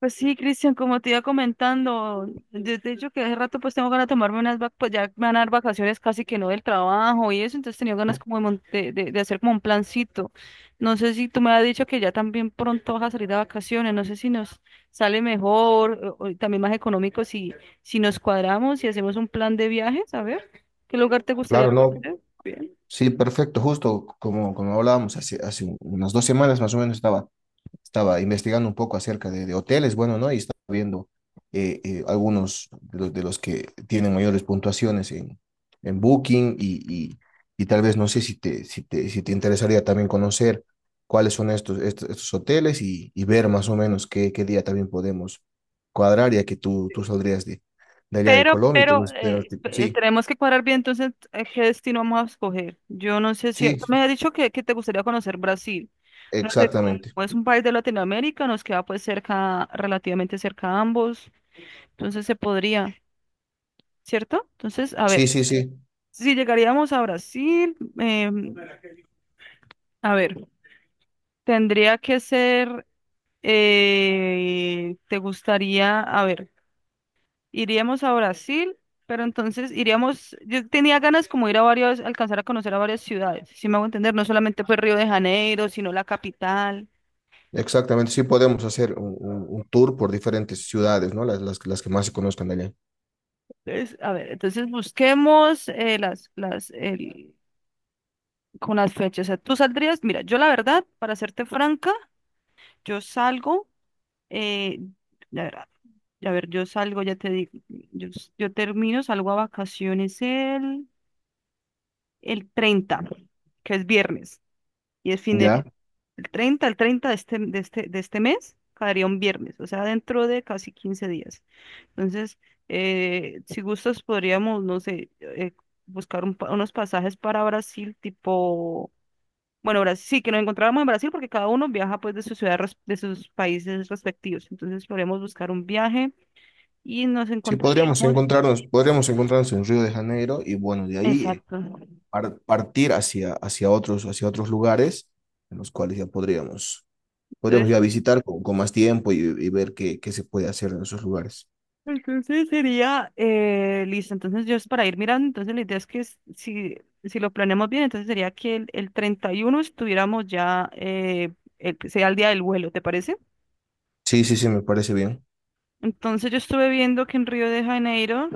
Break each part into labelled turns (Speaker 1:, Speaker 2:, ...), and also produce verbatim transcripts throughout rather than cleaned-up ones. Speaker 1: Pues sí, Cristian, como te iba comentando, de de hecho que hace rato pues tengo ganas de tomarme unas vacaciones, pues ya me van a dar vacaciones casi que no del trabajo y eso, entonces tenía ganas como de, mon- de, de- de hacer como un plancito. No sé si tú me has dicho que ya también pronto vas a salir de vacaciones, no sé si nos sale mejor o, o también más económico si, si nos cuadramos y hacemos un plan de viajes, a ver, ¿qué lugar te gustaría
Speaker 2: Claro, no.
Speaker 1: conocer? Bien.
Speaker 2: Sí, perfecto. Justo como, como hablábamos hace, hace un- unas dos semanas más o menos estaba, estaba investigando un poco acerca de, de hoteles, bueno, ¿no? Y estaba viendo eh, eh, algunos de los, de los que tienen mayores puntuaciones en, en Booking y, y, y tal vez no sé si te, si te, si te interesaría también conocer cuáles son estos, estos, estos hoteles y, y ver más o menos qué, qué día también podemos cuadrar, ya que tú, tú saldrías de, de allá de
Speaker 1: Pero,
Speaker 2: Colombia y te...
Speaker 1: pero eh, eh,
Speaker 2: Sí,
Speaker 1: tenemos que cuadrar bien entonces eh, qué destino vamos a escoger. Yo no sé si, tú
Speaker 2: sí,
Speaker 1: me
Speaker 2: sí,
Speaker 1: has dicho que, que te gustaría conocer Brasil. No sé,
Speaker 2: exactamente.
Speaker 1: como es un país de Latinoamérica, nos queda pues cerca, relativamente cerca a ambos, entonces se podría, ¿cierto? Entonces, a
Speaker 2: Sí,
Speaker 1: ver,
Speaker 2: sí, sí,
Speaker 1: si llegaríamos a Brasil, em, a ver, tendría que ser, eh, ¿te gustaría, a ver? Iríamos a Brasil, pero entonces iríamos, yo tenía ganas como ir a varios, alcanzar a conocer a varias ciudades, si me hago entender, no solamente fue Río de Janeiro, sino la capital.
Speaker 2: exactamente. Sí, podemos hacer un, un- un tour por diferentes ciudades, ¿no? Las, las, las que más se conozcan de allá.
Speaker 1: Entonces, a ver, entonces busquemos eh, las, las, el- con las fechas. O sea, tú saldrías, mira, yo la verdad, para serte franca, yo salgo, eh, la verdad, a ver, yo salgo, ya te digo, yo, s- yo termino, salgo a vacaciones el, el treinta, que es viernes, y es fin de
Speaker 2: ¿Ya?
Speaker 1: mes. El treinta, el treinta de este, de este, de este mes caería un viernes, o sea, dentro de casi quince días. Entonces, eh, si gustas, podríamos, no sé, eh, buscar un pa- unos pasajes para Brasil, tipo, bueno, Brasil, sí, que nos encontráramos en Brasil porque cada uno viaja pues de su ciudad, res- de sus países respectivos. Entonces, podríamos buscar un viaje y nos
Speaker 2: Sí, podríamos
Speaker 1: encontraríamos.
Speaker 2: encontrarnos, podríamos encontrarnos en Río de Janeiro y bueno, de ahí eh,
Speaker 1: Exacto.
Speaker 2: par- partir hacia, hacia otros, hacia otros lugares en los cuales ya podríamos, podríamos
Speaker 1: Entonces,
Speaker 2: ya visitar con, con más tiempo y, y ver qué, qué se puede hacer en esos lugares.
Speaker 1: Entonces sería, eh, listo, entonces yo es para ir mirando, entonces la idea es que s- si, si lo planeamos bien, entonces sería que el, el treinta y uno estuviéramos ya, eh, el- sea el día del vuelo, ¿te parece?
Speaker 2: Sí, sí, sí, me parece bien.
Speaker 1: Entonces yo estuve viendo que en Río de Janeiro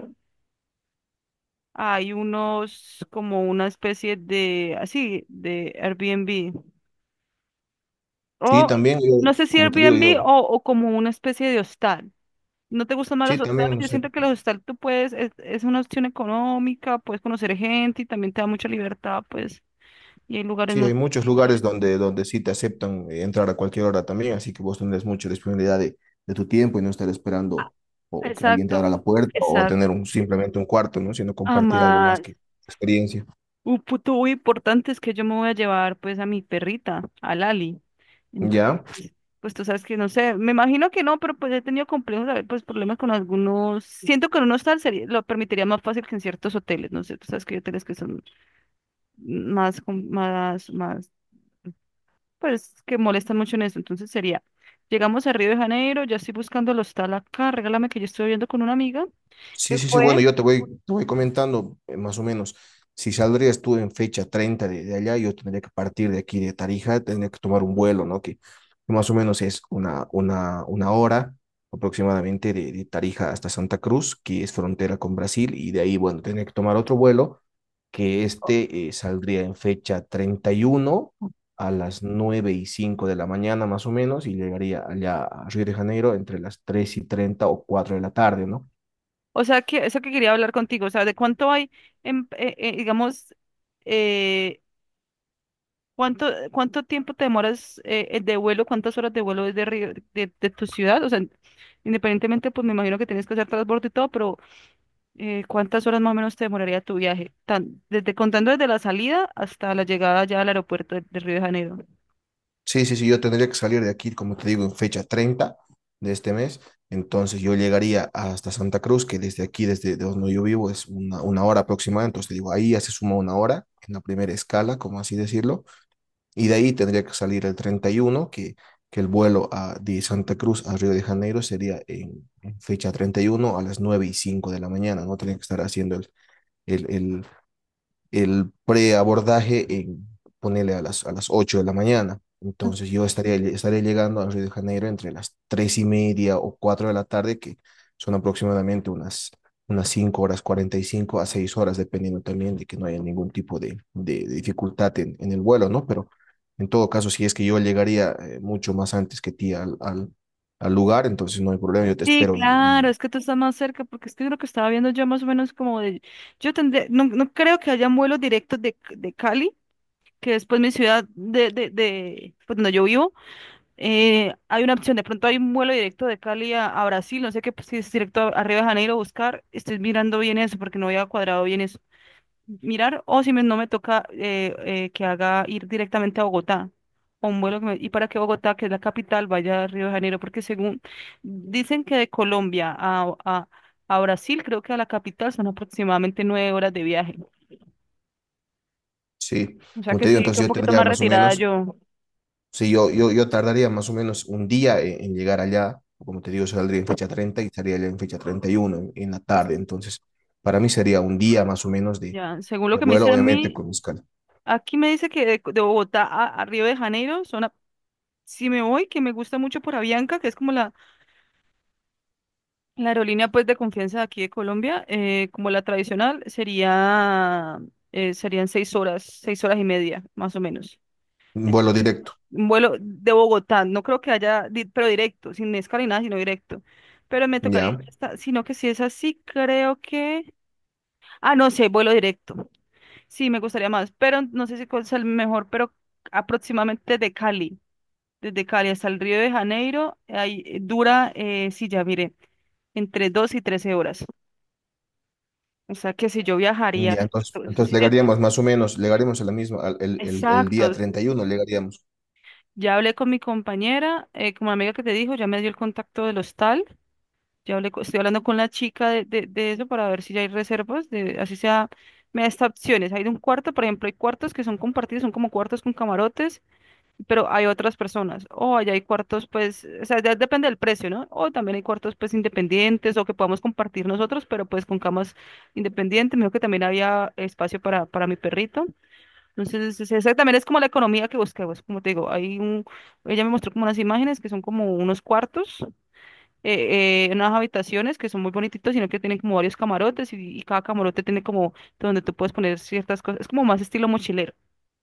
Speaker 1: hay unos, como una especie de, así, de Airbnb,
Speaker 2: Sí,
Speaker 1: o
Speaker 2: también yo,
Speaker 1: no sé si
Speaker 2: como te digo
Speaker 1: Airbnb
Speaker 2: yo,
Speaker 1: o, o como una especie de hostal. ¿No te gustan más
Speaker 2: sí,
Speaker 1: los hostales?
Speaker 2: también no
Speaker 1: Yo
Speaker 2: sé.
Speaker 1: siento que los hostales tú puedes, es, es una opción económica, puedes conocer gente y también te da mucha libertad, pues, y hay lugares
Speaker 2: Sí, hay
Speaker 1: muy...
Speaker 2: muchos lugares donde, donde sí te aceptan eh, entrar a cualquier hora también, así que vos tendrás mucha disponibilidad de, de tu tiempo y no estar esperando o, o que alguien te
Speaker 1: Exacto,
Speaker 2: abra la puerta o
Speaker 1: exacto.
Speaker 2: tener un, simplemente un cuarto, ¿no? Sino compartir algo más
Speaker 1: Además,
Speaker 2: que experiencia.
Speaker 1: un punto muy importante es que yo me voy a llevar, pues, a mi perrita, a Lali.
Speaker 2: ¿Ya?
Speaker 1: Entonces, pues tú sabes que no sé, me imagino que no, pero pues he tenido complejos, a ver, pues problemas con algunos. Siento que en un hostal sería, lo permitiría más fácil que en ciertos hoteles, no sé, tú sabes que hay hoteles que son más, com- más, más pues que molestan mucho en eso. Entonces sería, llegamos a Río de Janeiro, ya estoy buscando el hostal acá, regálame que yo estoy viendo con una amiga que
Speaker 2: Sí, sí, sí, bueno,
Speaker 1: fue,
Speaker 2: yo te voy, te voy comentando eh, más o menos. Si saldrías tú en fecha treinta de, de allá, yo tendría que partir de aquí de Tarija, tendría que tomar un vuelo, ¿no? Que, que más o menos es una, una, una hora aproximadamente de, de Tarija hasta Santa Cruz, que es frontera con Brasil, y de ahí, bueno, tendría que tomar otro vuelo, que este eh, saldría en fecha treinta y uno a las nueve y cinco de la mañana más o menos, y llegaría allá a Río de Janeiro entre las tres y treinta o cuatro de la tarde, ¿no?
Speaker 1: o sea, que eso que quería hablar contigo, o sea, de cuánto hay, en, eh, eh, digamos, eh, cuánto, cuánto tiempo te demoras eh, eh, de vuelo, cuántas horas de vuelo desde Río, de, de tu ciudad, o sea, independientemente, pues me imagino que tienes que hacer transbordo y todo, pero eh, cuántas horas más o menos te demoraría tu viaje, tan, desde contando desde la salida hasta la llegada ya al aeropuerto de, de Río de Janeiro.
Speaker 2: Sí, sí, sí, yo tendría que salir de aquí, como te digo, en fecha treinta de este mes. Entonces yo llegaría hasta Santa Cruz, que desde aquí, desde de donde yo vivo, es una, una hora aproximada. Entonces te digo, ahí ya se suma una hora en la primera escala, como así decirlo. Y de ahí tendría que salir el treinta y uno que, que el vuelo a, de Santa Cruz a Río de Janeiro sería en, en fecha treinta y uno a las nueve y cinco de la mañana. No tendría que estar haciendo el, el, el el preabordaje en ponerle a las, a las ocho de la mañana. Entonces yo estaría, estaría llegando a Río de Janeiro entre las tres y media o cuatro de la tarde, que son aproximadamente unas, unas cinco horas cuarenta y cinco a seis horas, dependiendo también de que no haya ningún tipo de, de, de dificultad en, en, el vuelo, ¿no? Pero en todo caso, si es que yo llegaría eh, mucho más antes que ti al, al, al lugar, entonces no hay problema, yo te
Speaker 1: Sí,
Speaker 2: espero en, en
Speaker 1: claro,
Speaker 2: el...
Speaker 1: es que tú estás más cerca, porque es que lo que estaba viendo yo más o menos como de, yo tendré, no, no creo que hayan vuelos directos de, de Cali, que es pues mi ciudad de, de, de pues, donde yo vivo, eh, hay una opción, de pronto hay un vuelo directo de Cali a, a Brasil, no sé qué, pues, si es directo a, a Río de Janeiro a buscar, estoy mirando bien eso, porque no había cuadrado bien eso, mirar o si me- no me toca eh, eh, que haga ir directamente a Bogotá o un vuelo que me- y para que Bogotá, que es la capital, vaya a Río de Janeiro, porque según dicen que de Colombia a, a, a Brasil, creo que a la capital son aproximadamente nueve horas de viaje.
Speaker 2: Sí,
Speaker 1: O sea
Speaker 2: como
Speaker 1: que
Speaker 2: te digo,
Speaker 1: sí, que un
Speaker 2: entonces yo
Speaker 1: poquito
Speaker 2: tendría
Speaker 1: más
Speaker 2: más o
Speaker 1: retirada
Speaker 2: menos.
Speaker 1: yo.
Speaker 2: Sí, yo, yo, yo tardaría más o menos un día en, en llegar allá. Como te digo, saldría en fecha treinta y estaría allá en fecha treinta y uno en, en la
Speaker 1: Pues,
Speaker 2: tarde. Entonces, para mí sería un día más o menos de,
Speaker 1: ya, según lo
Speaker 2: de
Speaker 1: que me dice
Speaker 2: vuelo,
Speaker 1: a
Speaker 2: obviamente
Speaker 1: mí,
Speaker 2: con escala.
Speaker 1: aquí me dice que de, de Bogotá a, a Río de Janeiro son, a- si me voy, que me gusta mucho por Avianca, que es como la la aerolínea pues de confianza de aquí de Colombia, eh, como la tradicional, sería, eh, serían seis horas, seis horas y media, más o menos.
Speaker 2: Un
Speaker 1: Eh,
Speaker 2: vuelo directo,
Speaker 1: Un vuelo de Bogotá, no creo que haya, di- pero directo, sin escala ni nada, sino directo. Pero me tocaría,
Speaker 2: ¿ya?
Speaker 1: ir hasta- sino que si es así, creo que... Ah, no sé, vuelo directo. Sí, me gustaría más, pero no sé si cuál es el mejor, pero aproximadamente de Cali, desde Cali hasta el Río de Janeiro, ahí eh, dura, eh, sí, ya mire, entre dos y trece horas. O sea que si yo viajaría,
Speaker 2: Ya,
Speaker 1: si-
Speaker 2: entonces, entonces
Speaker 1: si yo-
Speaker 2: llegaríamos más o menos, llegaríamos a la misma, al- el, el, el día
Speaker 1: exacto.
Speaker 2: treinta y uno llegaríamos.
Speaker 1: Ya hablé con mi compañera, eh, con mi amiga que te dijo, ya me dio el contacto del hostal. Ya hablé, co- estoy hablando con la chica de, de, de eso para ver si ya hay reservas, de, así sea, me da estas opciones. Hay de un cuarto, por ejemplo, hay cuartos que son compartidos, son como cuartos con camarotes, pero hay otras personas. O allá hay cuartos, pues, o sea, ya depende del precio, ¿no? O también hay cuartos, pues, independientes o que podamos compartir nosotros, pero pues con camas independientes. Me dijo que también había espacio para, para mi perrito. Entonces, es- esa también es como la economía que buscamos, como te digo, hay un, ella me mostró como unas imágenes que son como unos cuartos, eh, eh, unas habitaciones que son muy bonititos, sino que tienen como varios camarotes y, y cada camarote tiene como donde tú puedes poner ciertas cosas, es como más estilo mochilero,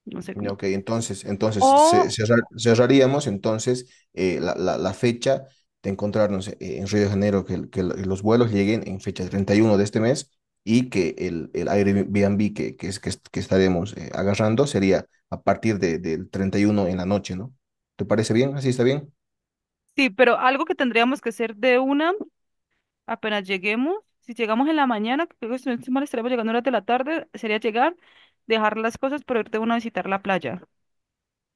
Speaker 1: no sé cómo.
Speaker 2: Ok, entonces, entonces ce-
Speaker 1: O,
Speaker 2: cerrar- cerraríamos entonces eh, la, la- la fecha de encontrarnos eh, en Río de Janeiro, que, el- que el- los vuelos lleguen en fecha treinta y uno de este mes y que el, el Airbnb que, que, es, que, es- que estaremos eh, agarrando sería a partir de, del treinta y uno en la noche, ¿no? ¿Te parece bien? ¿Así está bien?
Speaker 1: sí, pero algo que tendríamos que hacer de una, apenas lleguemos, si llegamos en la mañana, que creo que si no estoy mal, estaremos llegando a horas de la tarde, sería llegar, dejar las cosas, pero irte de una a visitar la playa.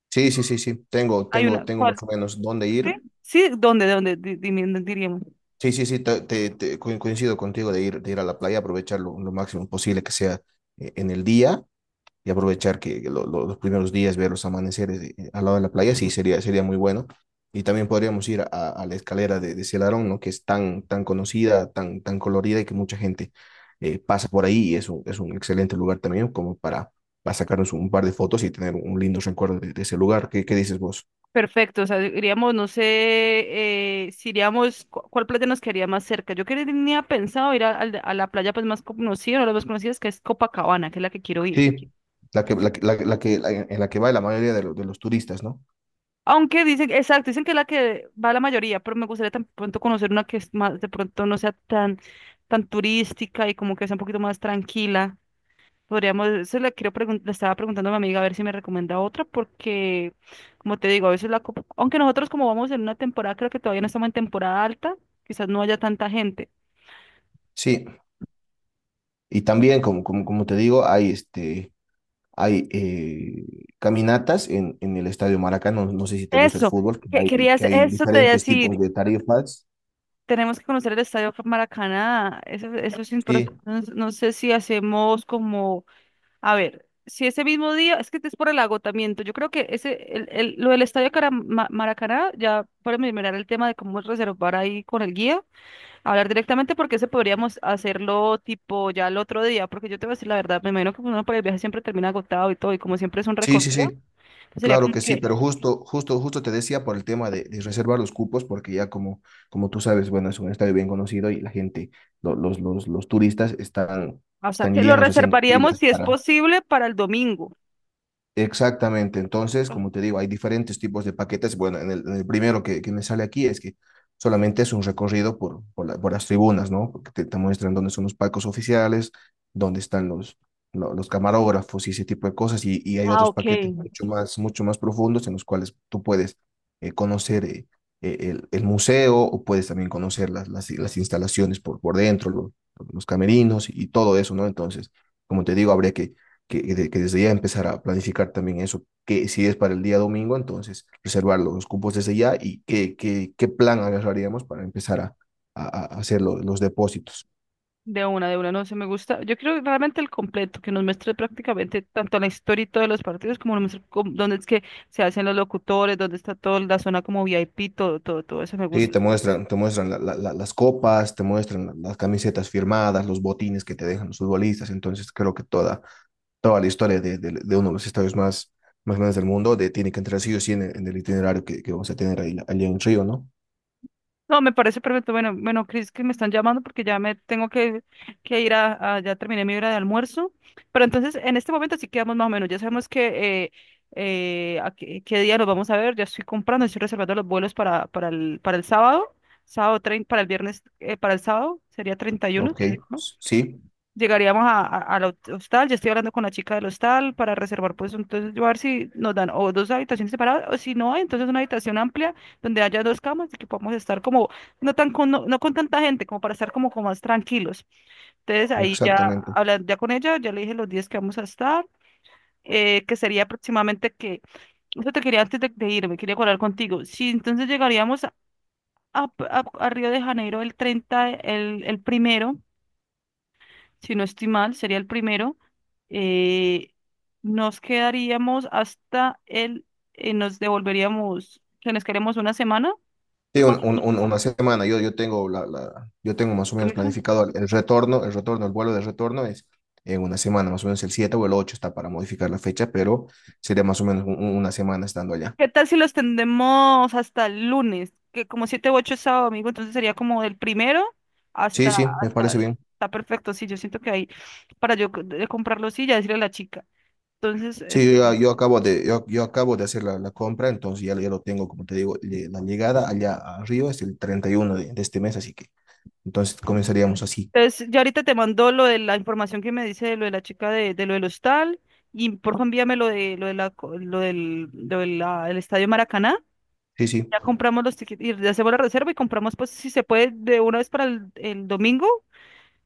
Speaker 2: Sí, sí, sí, sí. Tengo,
Speaker 1: Hay
Speaker 2: tengo,
Speaker 1: una,
Speaker 2: tengo
Speaker 1: ¿cuál?
Speaker 2: más o menos dónde
Speaker 1: Sí,
Speaker 2: ir.
Speaker 1: sí, ¿dónde, dónde di- di- diríamos?
Speaker 2: Sí, sí, sí, te, te- te- co- coincido contigo de ir, de ir a la playa, aprovechar lo, lo máximo posible que sea eh, en el día. Y aprovechar que lo- lo- los primeros días, ver los amaneceres eh, eh, al lado de la playa, sí, sería, sería muy bueno. Y también podríamos ir a, a la escalera de, de Celarón, ¿no? Que es tan, tan conocida, tan, tan colorida y que mucha gente eh, pasa por ahí y es un, es un excelente lugar también como para, para sacarnos un par de fotos y tener un lindo recuerdo de, de ese lugar. ¿Qué, qué dices vos?
Speaker 1: Perfecto, o sea, diríamos, no sé, eh, si iríamos, cu- ¿cuál playa nos quedaría más cerca? Yo quería, tenía pensado ir a, al de- a la playa pues más conocida, una de las más conocidas, que es Copacabana, que es la que quiero ir.
Speaker 2: Sí, la que, la, que- la que, la que- la- en la que va la mayoría de, lo- de los turistas, ¿no?
Speaker 1: Aunque dicen, exacto, dicen que es la que va la mayoría, pero me gustaría tan pronto conocer una que es más, de pronto no sea tan, tan turística y como que sea un poquito más tranquila. Podríamos, eso le quiero pregun- le estaba preguntando a mi amiga a ver si me recomienda otra, porque, como te digo, a veces la, copa- aunque nosotros como vamos en una temporada, creo que todavía no estamos en temporada alta, quizás no haya tanta gente.
Speaker 2: Sí, y también, como, como, como te digo, hay este hay eh, caminatas en, en el Estadio Maracaná, no, no sé si te gusta el
Speaker 1: Eso,
Speaker 2: fútbol, que
Speaker 1: que
Speaker 2: hay,
Speaker 1: querías,
Speaker 2: que hay
Speaker 1: eso te iba a
Speaker 2: diferentes tipos
Speaker 1: decir,
Speaker 2: de tarifas.
Speaker 1: tenemos que conocer el Estadio Maracaná, eso, eso es importante,
Speaker 2: Sí,
Speaker 1: no, no sé si hacemos como, a ver, si ese mismo día, es que es por el agotamiento, yo creo que ese, el, el- lo del Estadio Cara- Ma- Maracaná, ya para mirar el tema de cómo reservar ahí con el guía. Hablar directamente porque ese podríamos hacerlo tipo ya el otro día, porque yo te voy a decir la verdad, me imagino que uno por el viaje siempre termina agotado y todo, y como siempre es un
Speaker 2: sí, sí,
Speaker 1: recorrido,
Speaker 2: sí,
Speaker 1: pues sería
Speaker 2: claro
Speaker 1: como
Speaker 2: que sí,
Speaker 1: que,
Speaker 2: pero justo, justo, justo te decía por el tema de, de reservar los cupos, porque ya como, como tú sabes, bueno, es un estadio bien conocido y la gente, lo- los, los, los turistas están,
Speaker 1: o sea,
Speaker 2: están
Speaker 1: que lo
Speaker 2: llenos haciendo
Speaker 1: reservaríamos
Speaker 2: filas
Speaker 1: si es
Speaker 2: para...
Speaker 1: posible para el domingo.
Speaker 2: Exactamente, entonces, como te digo, hay diferentes tipos de paquetes. Bueno, en el, en el primero que, que me sale aquí es que solamente es un recorrido por, por, la- por las tribunas, ¿no? Porque te, te muestran dónde son los palcos oficiales, dónde están los, lo- los camarógrafos y ese tipo de cosas. Y, y hay
Speaker 1: Ah,
Speaker 2: otros
Speaker 1: ok.
Speaker 2: paquetes mucho más, mucho más profundos en los cuales tú puedes eh, conocer eh, eh, el, el museo o puedes también conocer las, las, las instalaciones por, por dentro, los, los camerinos y todo eso, ¿no? Entonces, como te digo, habría que que, de- que desde ya empezar a planificar también eso, que si es para el día domingo, entonces reservar los cupos desde ya y qué, qué, qué plan agarraríamos para empezar a, a- a hacer lo- los depósitos.
Speaker 1: De una, de una, no sé, me gusta. Yo quiero realmente el completo, que nos muestre prácticamente tanto la historia y todos los partidos, como nos muestre cómo- dónde es que se hacen los locutores, dónde está toda la zona como V I P, todo, todo, todo eso me
Speaker 2: Sí,
Speaker 1: gusta.
Speaker 2: te muestran, te muestran la- la- la- las copas, te muestran la- las camisetas firmadas, los botines que te dejan los futbolistas, entonces creo que toda, toda la historia de, de- de uno de los estadios más, más grandes del mundo de, tiene que entrar sí o sí en el, en el itinerario que, que vamos a tener ahí, allá en Río, ¿no?
Speaker 1: No, me parece perfecto. Bueno, bueno, Cris, que me están llamando porque ya me tengo que, que ir a, a- ya terminé mi hora de almuerzo. Pero entonces, en este momento sí quedamos más o menos. Ya sabemos que eh, eh, a qué, qué día nos vamos a ver. Ya estoy comprando, estoy reservando los vuelos para, para el, para el sábado, sábado trein- para el viernes, eh, para el sábado, sería treinta y uno,
Speaker 2: Ok,
Speaker 1: si no estoy
Speaker 2: sí,
Speaker 1: llegaríamos a, a- al hot- hostal, yo estoy hablando con la chica del hostal para reservar, pues entonces yo a ver si nos dan o dos habitaciones separadas o si no, entonces una habitación amplia donde haya dos camas y que podamos estar como, no tan con, no, no con tanta gente, como para estar como, como más tranquilos. Entonces ahí ya
Speaker 2: exactamente.
Speaker 1: hablando ya con ella, ya le dije los días que vamos a estar, eh, que sería aproximadamente que, eso te quería antes de, de irme, quería hablar contigo. Si entonces llegaríamos a, a- a Río de Janeiro el treinta el, el primero si no estoy mal, sería el primero, eh, nos quedaríamos hasta el, eh, nos devolveríamos, que nos quedaríamos una semana.
Speaker 2: Sí,
Speaker 1: ¿Tú
Speaker 2: un-
Speaker 1: cuánto
Speaker 2: un- un-
Speaker 1: tenías?
Speaker 2: una semana. Yo, yo tengo la, la- yo tengo más o menos
Speaker 1: ¿Permiso?
Speaker 2: planificado el el retorno, el retorno, el vuelo de retorno es en una semana, más o menos el siete o el ocho está para modificar la fecha, pero sería más o menos un- un- una semana estando allá.
Speaker 1: ¿Qué tal si los tendemos hasta el lunes? Que como siete u ocho es sábado, domingo, entonces sería como del primero
Speaker 2: Sí,
Speaker 1: hasta,
Speaker 2: sí, me
Speaker 1: hasta,
Speaker 2: parece bien.
Speaker 1: está perfecto, sí, yo siento que ahí, para yo c- de- comprar los sí, ya decirle a la chica. Entonces,
Speaker 2: Sí,
Speaker 1: eso.
Speaker 2: yo, ya- yo acabo de, yo, yo acabo de hacer la, la compra, entonces ya, ya lo tengo, como te digo, le- la llegada allá a Río es el treinta y uno de, de este mes, así que entonces
Speaker 1: Vale.
Speaker 2: comenzaríamos así.
Speaker 1: Entonces, yo ahorita te mando lo de la información que me dice de lo de la chica de, de lo del hostal y por favor envíame lo de lo de la co- lo del lo de la- el Estadio Maracaná.
Speaker 2: Sí, sí.
Speaker 1: Ya compramos los tickets y ya hacemos la reserva y compramos pues si se puede de una vez para el, el domingo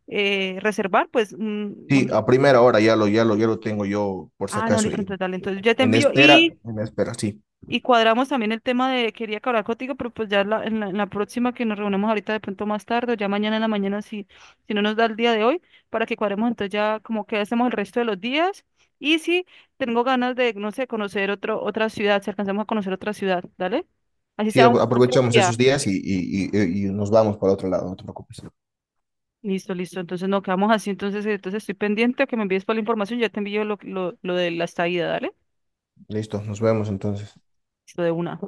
Speaker 1: eh, reservar pues un, un-
Speaker 2: Sí, a primera hora ya lo, ya lo, ya lo tengo yo, por si
Speaker 1: ah no
Speaker 2: acaso,
Speaker 1: listo
Speaker 2: en
Speaker 1: entonces dale entonces ya te
Speaker 2: en
Speaker 1: envío
Speaker 2: espera,
Speaker 1: y
Speaker 2: en espera, sí.
Speaker 1: Y cuadramos también el tema de, quería que hablar contigo, pero pues ya la- en la, en la próxima que nos reunamos ahorita de pronto más tarde, o ya mañana en la mañana, si, si no nos da el día de hoy, para que cuadremos entonces ya como que hacemos el resto de los días. Y si tengo ganas de, no sé, conocer otro, otra ciudad, si alcanzamos a conocer otra ciudad, ¿dale? Así
Speaker 2: Sí,
Speaker 1: sea un,
Speaker 2: apro-
Speaker 1: un
Speaker 2: aprovechamos
Speaker 1: día.
Speaker 2: esos días y, y- y- y nos vamos para otro lado, no te preocupes.
Speaker 1: Listo, listo. Entonces no quedamos así, entonces, entonces estoy pendiente a que me envíes toda la información, ya te envío lo, lo, lo de la estadía, ¿dale?
Speaker 2: Listo, nos vemos entonces.
Speaker 1: Listo de una.